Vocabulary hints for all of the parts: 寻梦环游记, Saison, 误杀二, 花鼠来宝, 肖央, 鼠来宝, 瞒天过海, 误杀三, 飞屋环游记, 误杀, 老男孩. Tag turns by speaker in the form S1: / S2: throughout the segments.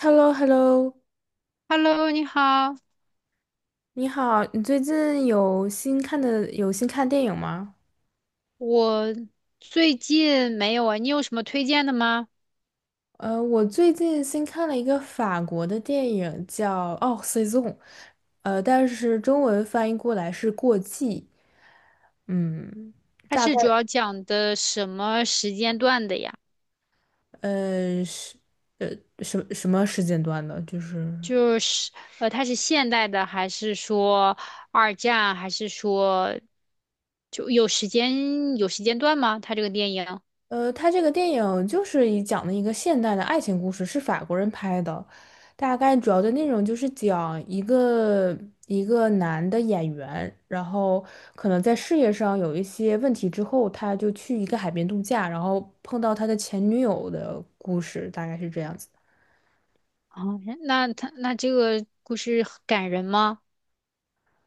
S1: h e l l o hello
S2: Hello，你好，
S1: 你好，你最近有新看的有新看电影吗？
S2: 我最近没有啊，你有什么推荐的吗？
S1: 我最近新看了一个法国的电影叫《哦 Saison》，但是中文翻译过来是《过季》。嗯，
S2: 它
S1: 大概
S2: 是主要讲的什么时间段的呀？
S1: 呃是呃什么时间段的？就是。
S2: 就是它是现代的，还是说二战，还是说就有时间段吗？它这个电影
S1: 他这个电影就是以讲的一个现代的爱情故事，是法国人拍的，大概主要的内容就是讲一个一个男的演员，然后可能在事业上有一些问题之后，他就去一个海边度假，然后碰到他的前女友的故事，大概是这样子。
S2: 啊，那这个故事很感人吗？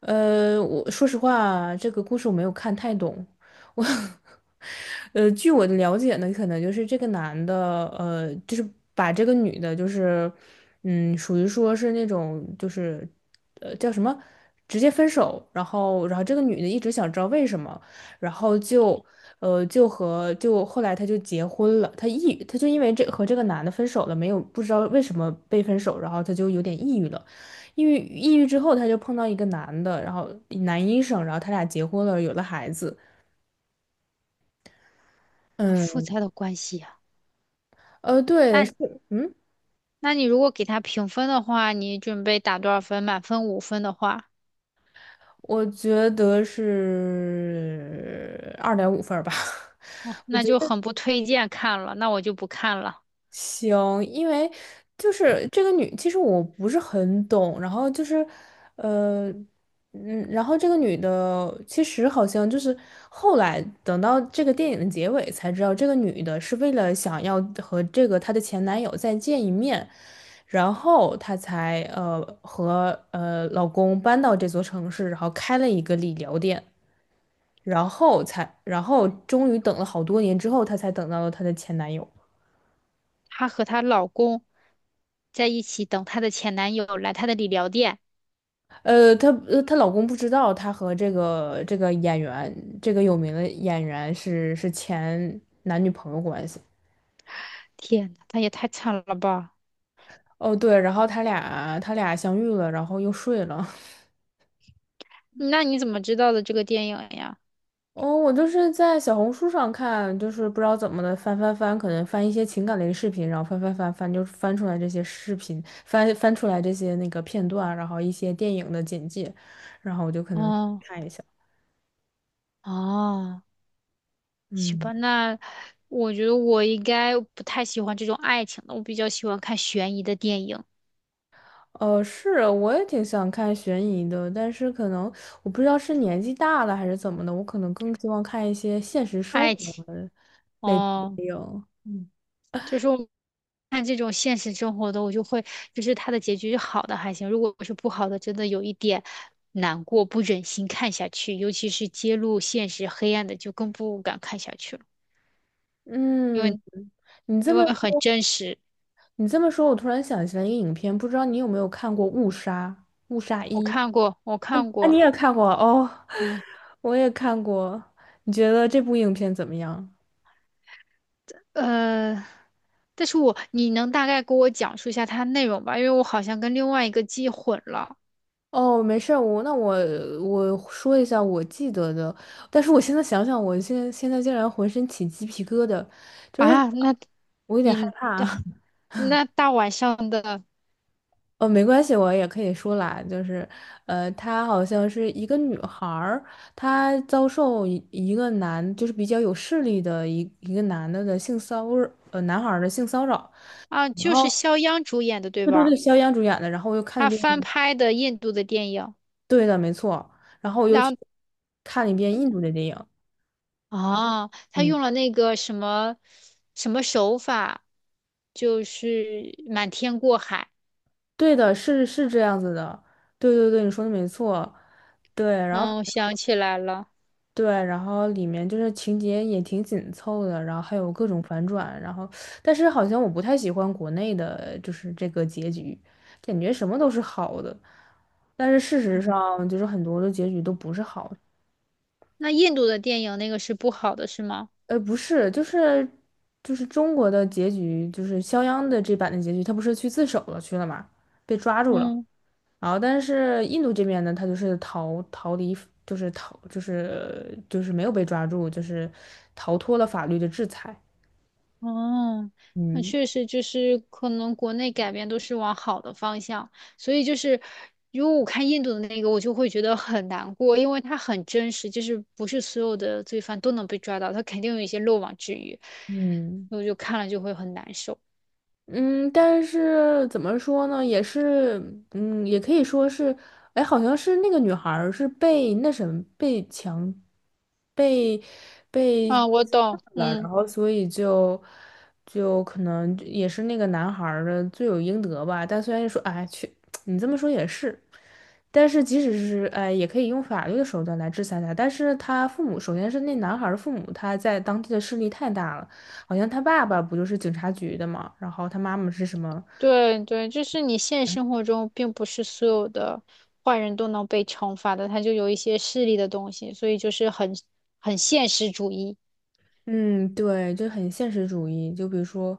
S1: 我说实话，这个故事我没有看太懂。我，据我的了解呢，可能就是这个男的，就是把这个女的，就是，嗯，属于说是那种，就是，叫什么，直接分手。然后这个女的一直想知道为什么，然后就，就和就后来她就结婚了。她抑郁，她就因为这和这个男的分手了，没有不知道为什么被分手，然后她就有点抑郁了。抑郁之后，她就碰到一个男的，然后男医生，然后他俩结婚了，有了孩子。
S2: 好复
S1: 嗯，
S2: 杂的关系呀。
S1: 对，
S2: 那
S1: 是，嗯，
S2: 那你如果给它评分的话，你准备打多少分？满分五分的话。
S1: 我觉得是2.5分儿吧。
S2: 哦，
S1: 我
S2: 那
S1: 觉
S2: 就
S1: 得
S2: 很不推荐看了，那我就不看了。
S1: 行，因为就是这个女，其实我不是很懂，然后就是，呃，嗯，然后这个女的其实好像就是后来等到这个电影的结尾才知道，这个女的是为了想要和这个她的前男友再见一面，然后她才和老公搬到这座城市，然后开了一个理疗店，然后才然后终于等了好多年之后，她才等到了她的前男友。
S2: 她和她老公在一起等她的前男友来她的理疗店，
S1: 她她老公不知道她和这个这个演员这个有名的演员是前男女朋友关系。
S2: 天呐，她也太惨了吧！
S1: 哦，对，然后他俩他俩相遇了，然后又睡了。
S2: 那你怎么知道的这个电影呀？
S1: 哦，我就是在小红书上看，就是不知道怎么的翻，可能翻一些情感类的视频，然后翻翻，就翻出来这些视频，翻出来这些那个片段，然后一些电影的简介，然后我就可能
S2: 哦
S1: 看一下。
S2: 哦，行
S1: 嗯，
S2: 吧，那我觉得我应该不太喜欢这种爱情的，我比较喜欢看悬疑的电影，
S1: 是，我也挺想看悬疑的，但是可能我不知道是年纪大了还是怎么的，我可能更希望看一些现实生
S2: 爱
S1: 活
S2: 情。
S1: 类的
S2: 哦，
S1: 电影。嗯
S2: 就是看这种现实生活的，我就会就是它的结局是好的还行，如果是不好的，真的有一点难过，不忍心看下去，尤其是揭露现实黑暗的，就更不敢看下去了，因
S1: 嗯，
S2: 为
S1: 你这
S2: 因
S1: 么
S2: 为很
S1: 说。
S2: 真实。
S1: 你这么说，我突然想起来一个影片，不知道你有没有看过《误杀》《误杀
S2: 我
S1: 一》？
S2: 看过，我看
S1: 啊？
S2: 过，
S1: 你也看过哦，
S2: 嗯，
S1: 我也看过。你觉得这部影片怎么样？
S2: 呃，但是我你能大概给我讲述一下它内容吧？因为我好像跟另外一个记混了
S1: 哦，没事儿，我我说一下我记得的，但是我现在想想，我现在竟然浑身起鸡皮疙瘩，就是
S2: 啊。那
S1: 我有点害
S2: 你
S1: 怕。
S2: 那大晚上的
S1: 哦，没关系，我也可以说啦，就是，她好像是一个女孩儿，她遭受一个男，就是比较有势力的一个男的的性骚扰，男孩儿的性骚扰。
S2: 啊，
S1: 然
S2: 就
S1: 后，
S2: 是肖央主演的，对
S1: 对对对，
S2: 吧？
S1: 肖央主演的，然后我又看
S2: 他
S1: 了一
S2: 翻
S1: 遍，
S2: 拍的印度的电影，
S1: 对的，没错，然后我又
S2: 然
S1: 去
S2: 后
S1: 看了一遍印度的电影，
S2: 啊，他
S1: 嗯，
S2: 用了那个什么什么手法，就是瞒天过海。
S1: 对的，是是这样子的，对对对，你说的没错，对，然后。
S2: 嗯，我想起来了。
S1: 对，然后里面就是情节也挺紧凑的，然后还有各种反转，然后但是好像我不太喜欢国内的，就是这个结局，感觉什么都是好的，但是事实
S2: 嗯，
S1: 上就是很多的结局都不是好的。
S2: 那印度的电影那个是不好的，是吗？
S1: 不是，就是就是中国的结局，就是肖央的这版的结局，他不是去自首了去了嘛，被抓住了，
S2: 嗯。
S1: 然后但是印度这边呢，他就是逃逃离，就是逃就是没有被抓住，就是逃脱了法律的制裁。
S2: 哦，那
S1: 嗯
S2: 确实就是可能国内改变都是往好的方向，所以就是如果我看印度的那个，我就会觉得很难过，因为它很真实，就是不是所有的罪犯都能被抓到，他肯定有一些漏网之鱼，
S1: 嗯
S2: 我就看了就会很难受。
S1: 嗯，但是怎么说呢，也是，嗯，也可以说是，哎，好像是那个女孩儿是被那什么被强，被被
S2: 啊，我
S1: 侵犯
S2: 懂，
S1: 了，然
S2: 嗯，
S1: 后所以就就可能也是那个男孩儿的罪有应得吧。但虽然说，哎，去，你这么说也是，但是即使是哎，也可以用法律的手段来制裁他。但是他父母，首先是那男孩儿的父母，他在当地的势力太大了。好像他爸爸不就是警察局的嘛，然后他妈妈是什么？
S2: 对对，就是你现实生活中并不是所有的坏人都能被惩罚的，他就有一些势力的东西，所以就是很现实主义。
S1: 嗯，对，就很现实主义。就比如说，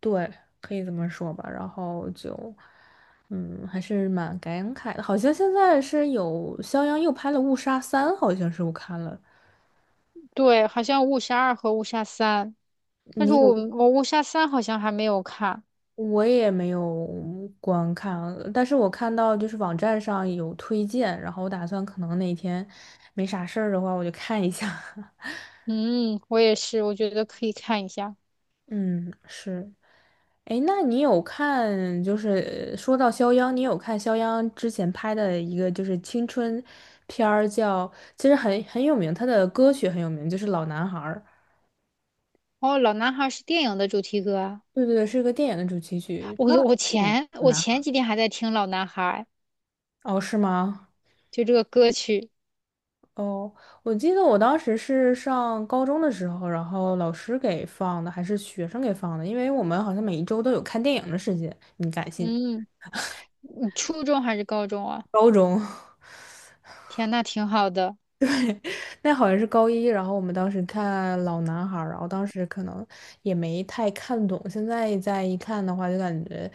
S1: 对，可以这么说吧。然后就，嗯，还是蛮感慨的。好像现在是有肖央又拍了《误杀三》，好像是我看了。
S2: 对，好像《误杀二》和《误杀三》，但是
S1: 你
S2: 我
S1: 有？
S2: 我《误杀三》好像还没有看。
S1: 我也没有观看，但是我看到就是网站上有推荐，然后我打算可能哪天没啥事儿的话，我就看一下。
S2: 嗯，我也是，我觉得可以看一下。
S1: 嗯，是。哎，那你有看，就是说到肖央，你有看肖央之前拍的一个就是青春片儿叫，其实很有名，他的歌曲很有名，就是《老男孩》儿。
S2: 哦，《老男孩》是电影的主题歌啊！
S1: 对对对，是个电影的主题曲。
S2: 我
S1: 那
S2: 我
S1: 嗯
S2: 前
S1: 老
S2: 我
S1: 男
S2: 前
S1: 孩
S2: 几天还在听《老男孩》，
S1: 儿哦，是吗？
S2: 就这个歌曲。
S1: 哦，我记得我当时是上高中的时候，然后老师给放的，还是学生给放的，因为我们好像每1周都有看电影的时间，你敢信？
S2: 嗯，你初中还是高中啊？
S1: 高中。
S2: 天，那挺好的。
S1: 那好像是高一，然后我们当时看《老男孩》，然后当时可能也没太看懂，现在再一看的话，就感觉，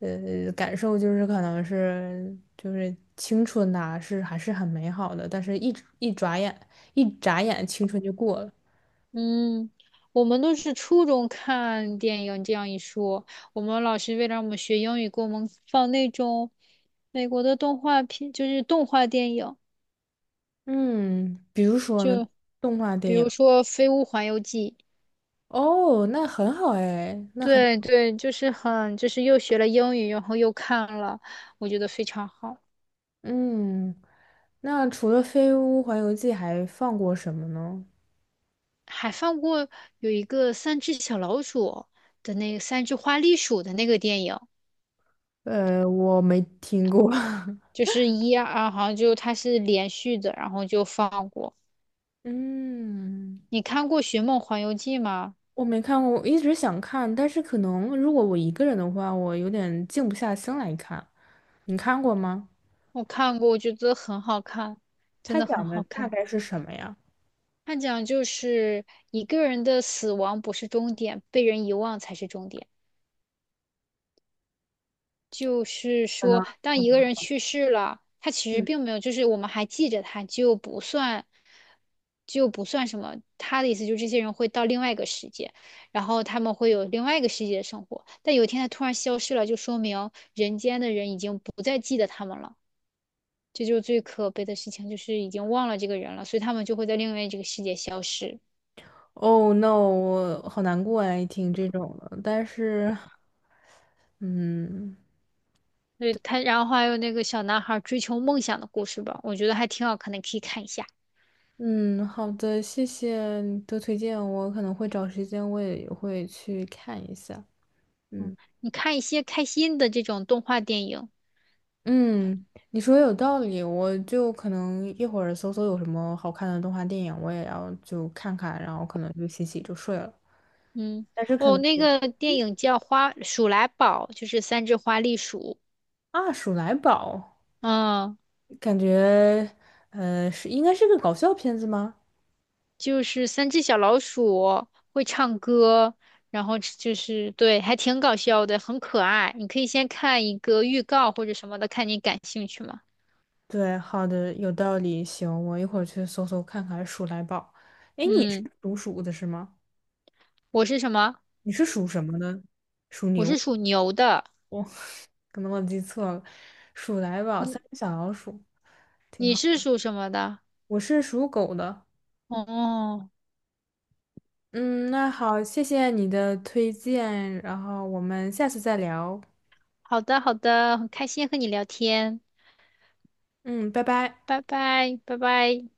S1: 感受就是可能是就是青春呐、是还是很美好的，但是一眨眼，一眨眼青春就过了。
S2: 嗯，我们都是初中看电影，这样一说，我们老师为了让我们学英语，给我们放那种美国的动画片，就是动画电影。
S1: 嗯，比如说呢，动画电
S2: 比
S1: 影。
S2: 如说《飞屋环游记》，
S1: 哦，那很好哎，那很。
S2: 对对，就是很，就是又学了英语，然后又看了，我觉得非常好。
S1: 嗯，那除了《飞屋环游记》还放过什么呢？
S2: 还放过有一个三只小老鼠的那个三只花栗鼠的那个电影，
S1: 我没听过。
S2: 就是一二，啊好像就它是连续的，然后就放过。
S1: 嗯，
S2: 你看过《寻梦环游记》吗？
S1: 我没看过，我一直想看，但是可能如果我一个人的话，我有点静不下心来看。你看过吗？
S2: 我看过，我觉得很好看，真
S1: 他
S2: 的很
S1: 讲的
S2: 好
S1: 大
S2: 看。
S1: 概是什么呀？
S2: 它讲就是一个人的死亡不是终点，被人遗忘才是终点。就是
S1: 可能，
S2: 说，当一个人去世了，他其实
S1: 嗯
S2: 并没有，就是我们还记着他，就不算什么。他的意思就是，这些人会到另外一个世界，然后他们会有另外一个世界的生活。但有一天他突然消失了，就说明人间的人已经不再记得他们了。这就是最可悲的事情，就是已经忘了这个人了，所以他们就会在另外这个世界消失。
S1: ，Oh no，我好难过哎，听这种的。但是，嗯
S2: 对他，然后还有那个小男孩追求梦想的故事吧，我觉得还挺好看的，可以看一下。
S1: 嗯，好的，谢谢你的推荐，我可能会找时间，我也会去看一下。嗯。
S2: 你看一些开心的这种动画电影，
S1: 嗯，你说有道理，我就可能一会儿搜搜有什么好看的动画电影，我也要就看看，然后可能就洗洗就睡了。
S2: 嗯，
S1: 但是可
S2: 哦，
S1: 能
S2: 那
S1: 有
S2: 个电影叫《花鼠来宝》，就是三只花栗鼠，
S1: 啊，《鼠来宝》
S2: 嗯，
S1: 感觉应该是个搞笑片子吗？
S2: 就是三只小老鼠会唱歌，然后就是对，还挺搞笑的，很可爱。你可以先看一个预告或者什么的，看你感兴趣吗？
S1: 对，好的，有道理，行，我一会儿去搜搜看看《鼠来宝》。哎，你是
S2: 嗯，
S1: 属鼠的是吗？
S2: 我是什么？
S1: 你是属什么的？属
S2: 我
S1: 牛？
S2: 是属牛的，
S1: 我、可能我记错了，《鼠来宝》
S2: 你
S1: 三只小老鼠挺
S2: 你
S1: 好，
S2: 是属什么的？
S1: 我是属狗的。
S2: 哦，
S1: 嗯，那好，谢谢你的推荐，然后我们下次再聊。
S2: 好的好的，很开心和你聊天，
S1: 嗯，拜拜。
S2: 拜拜拜拜。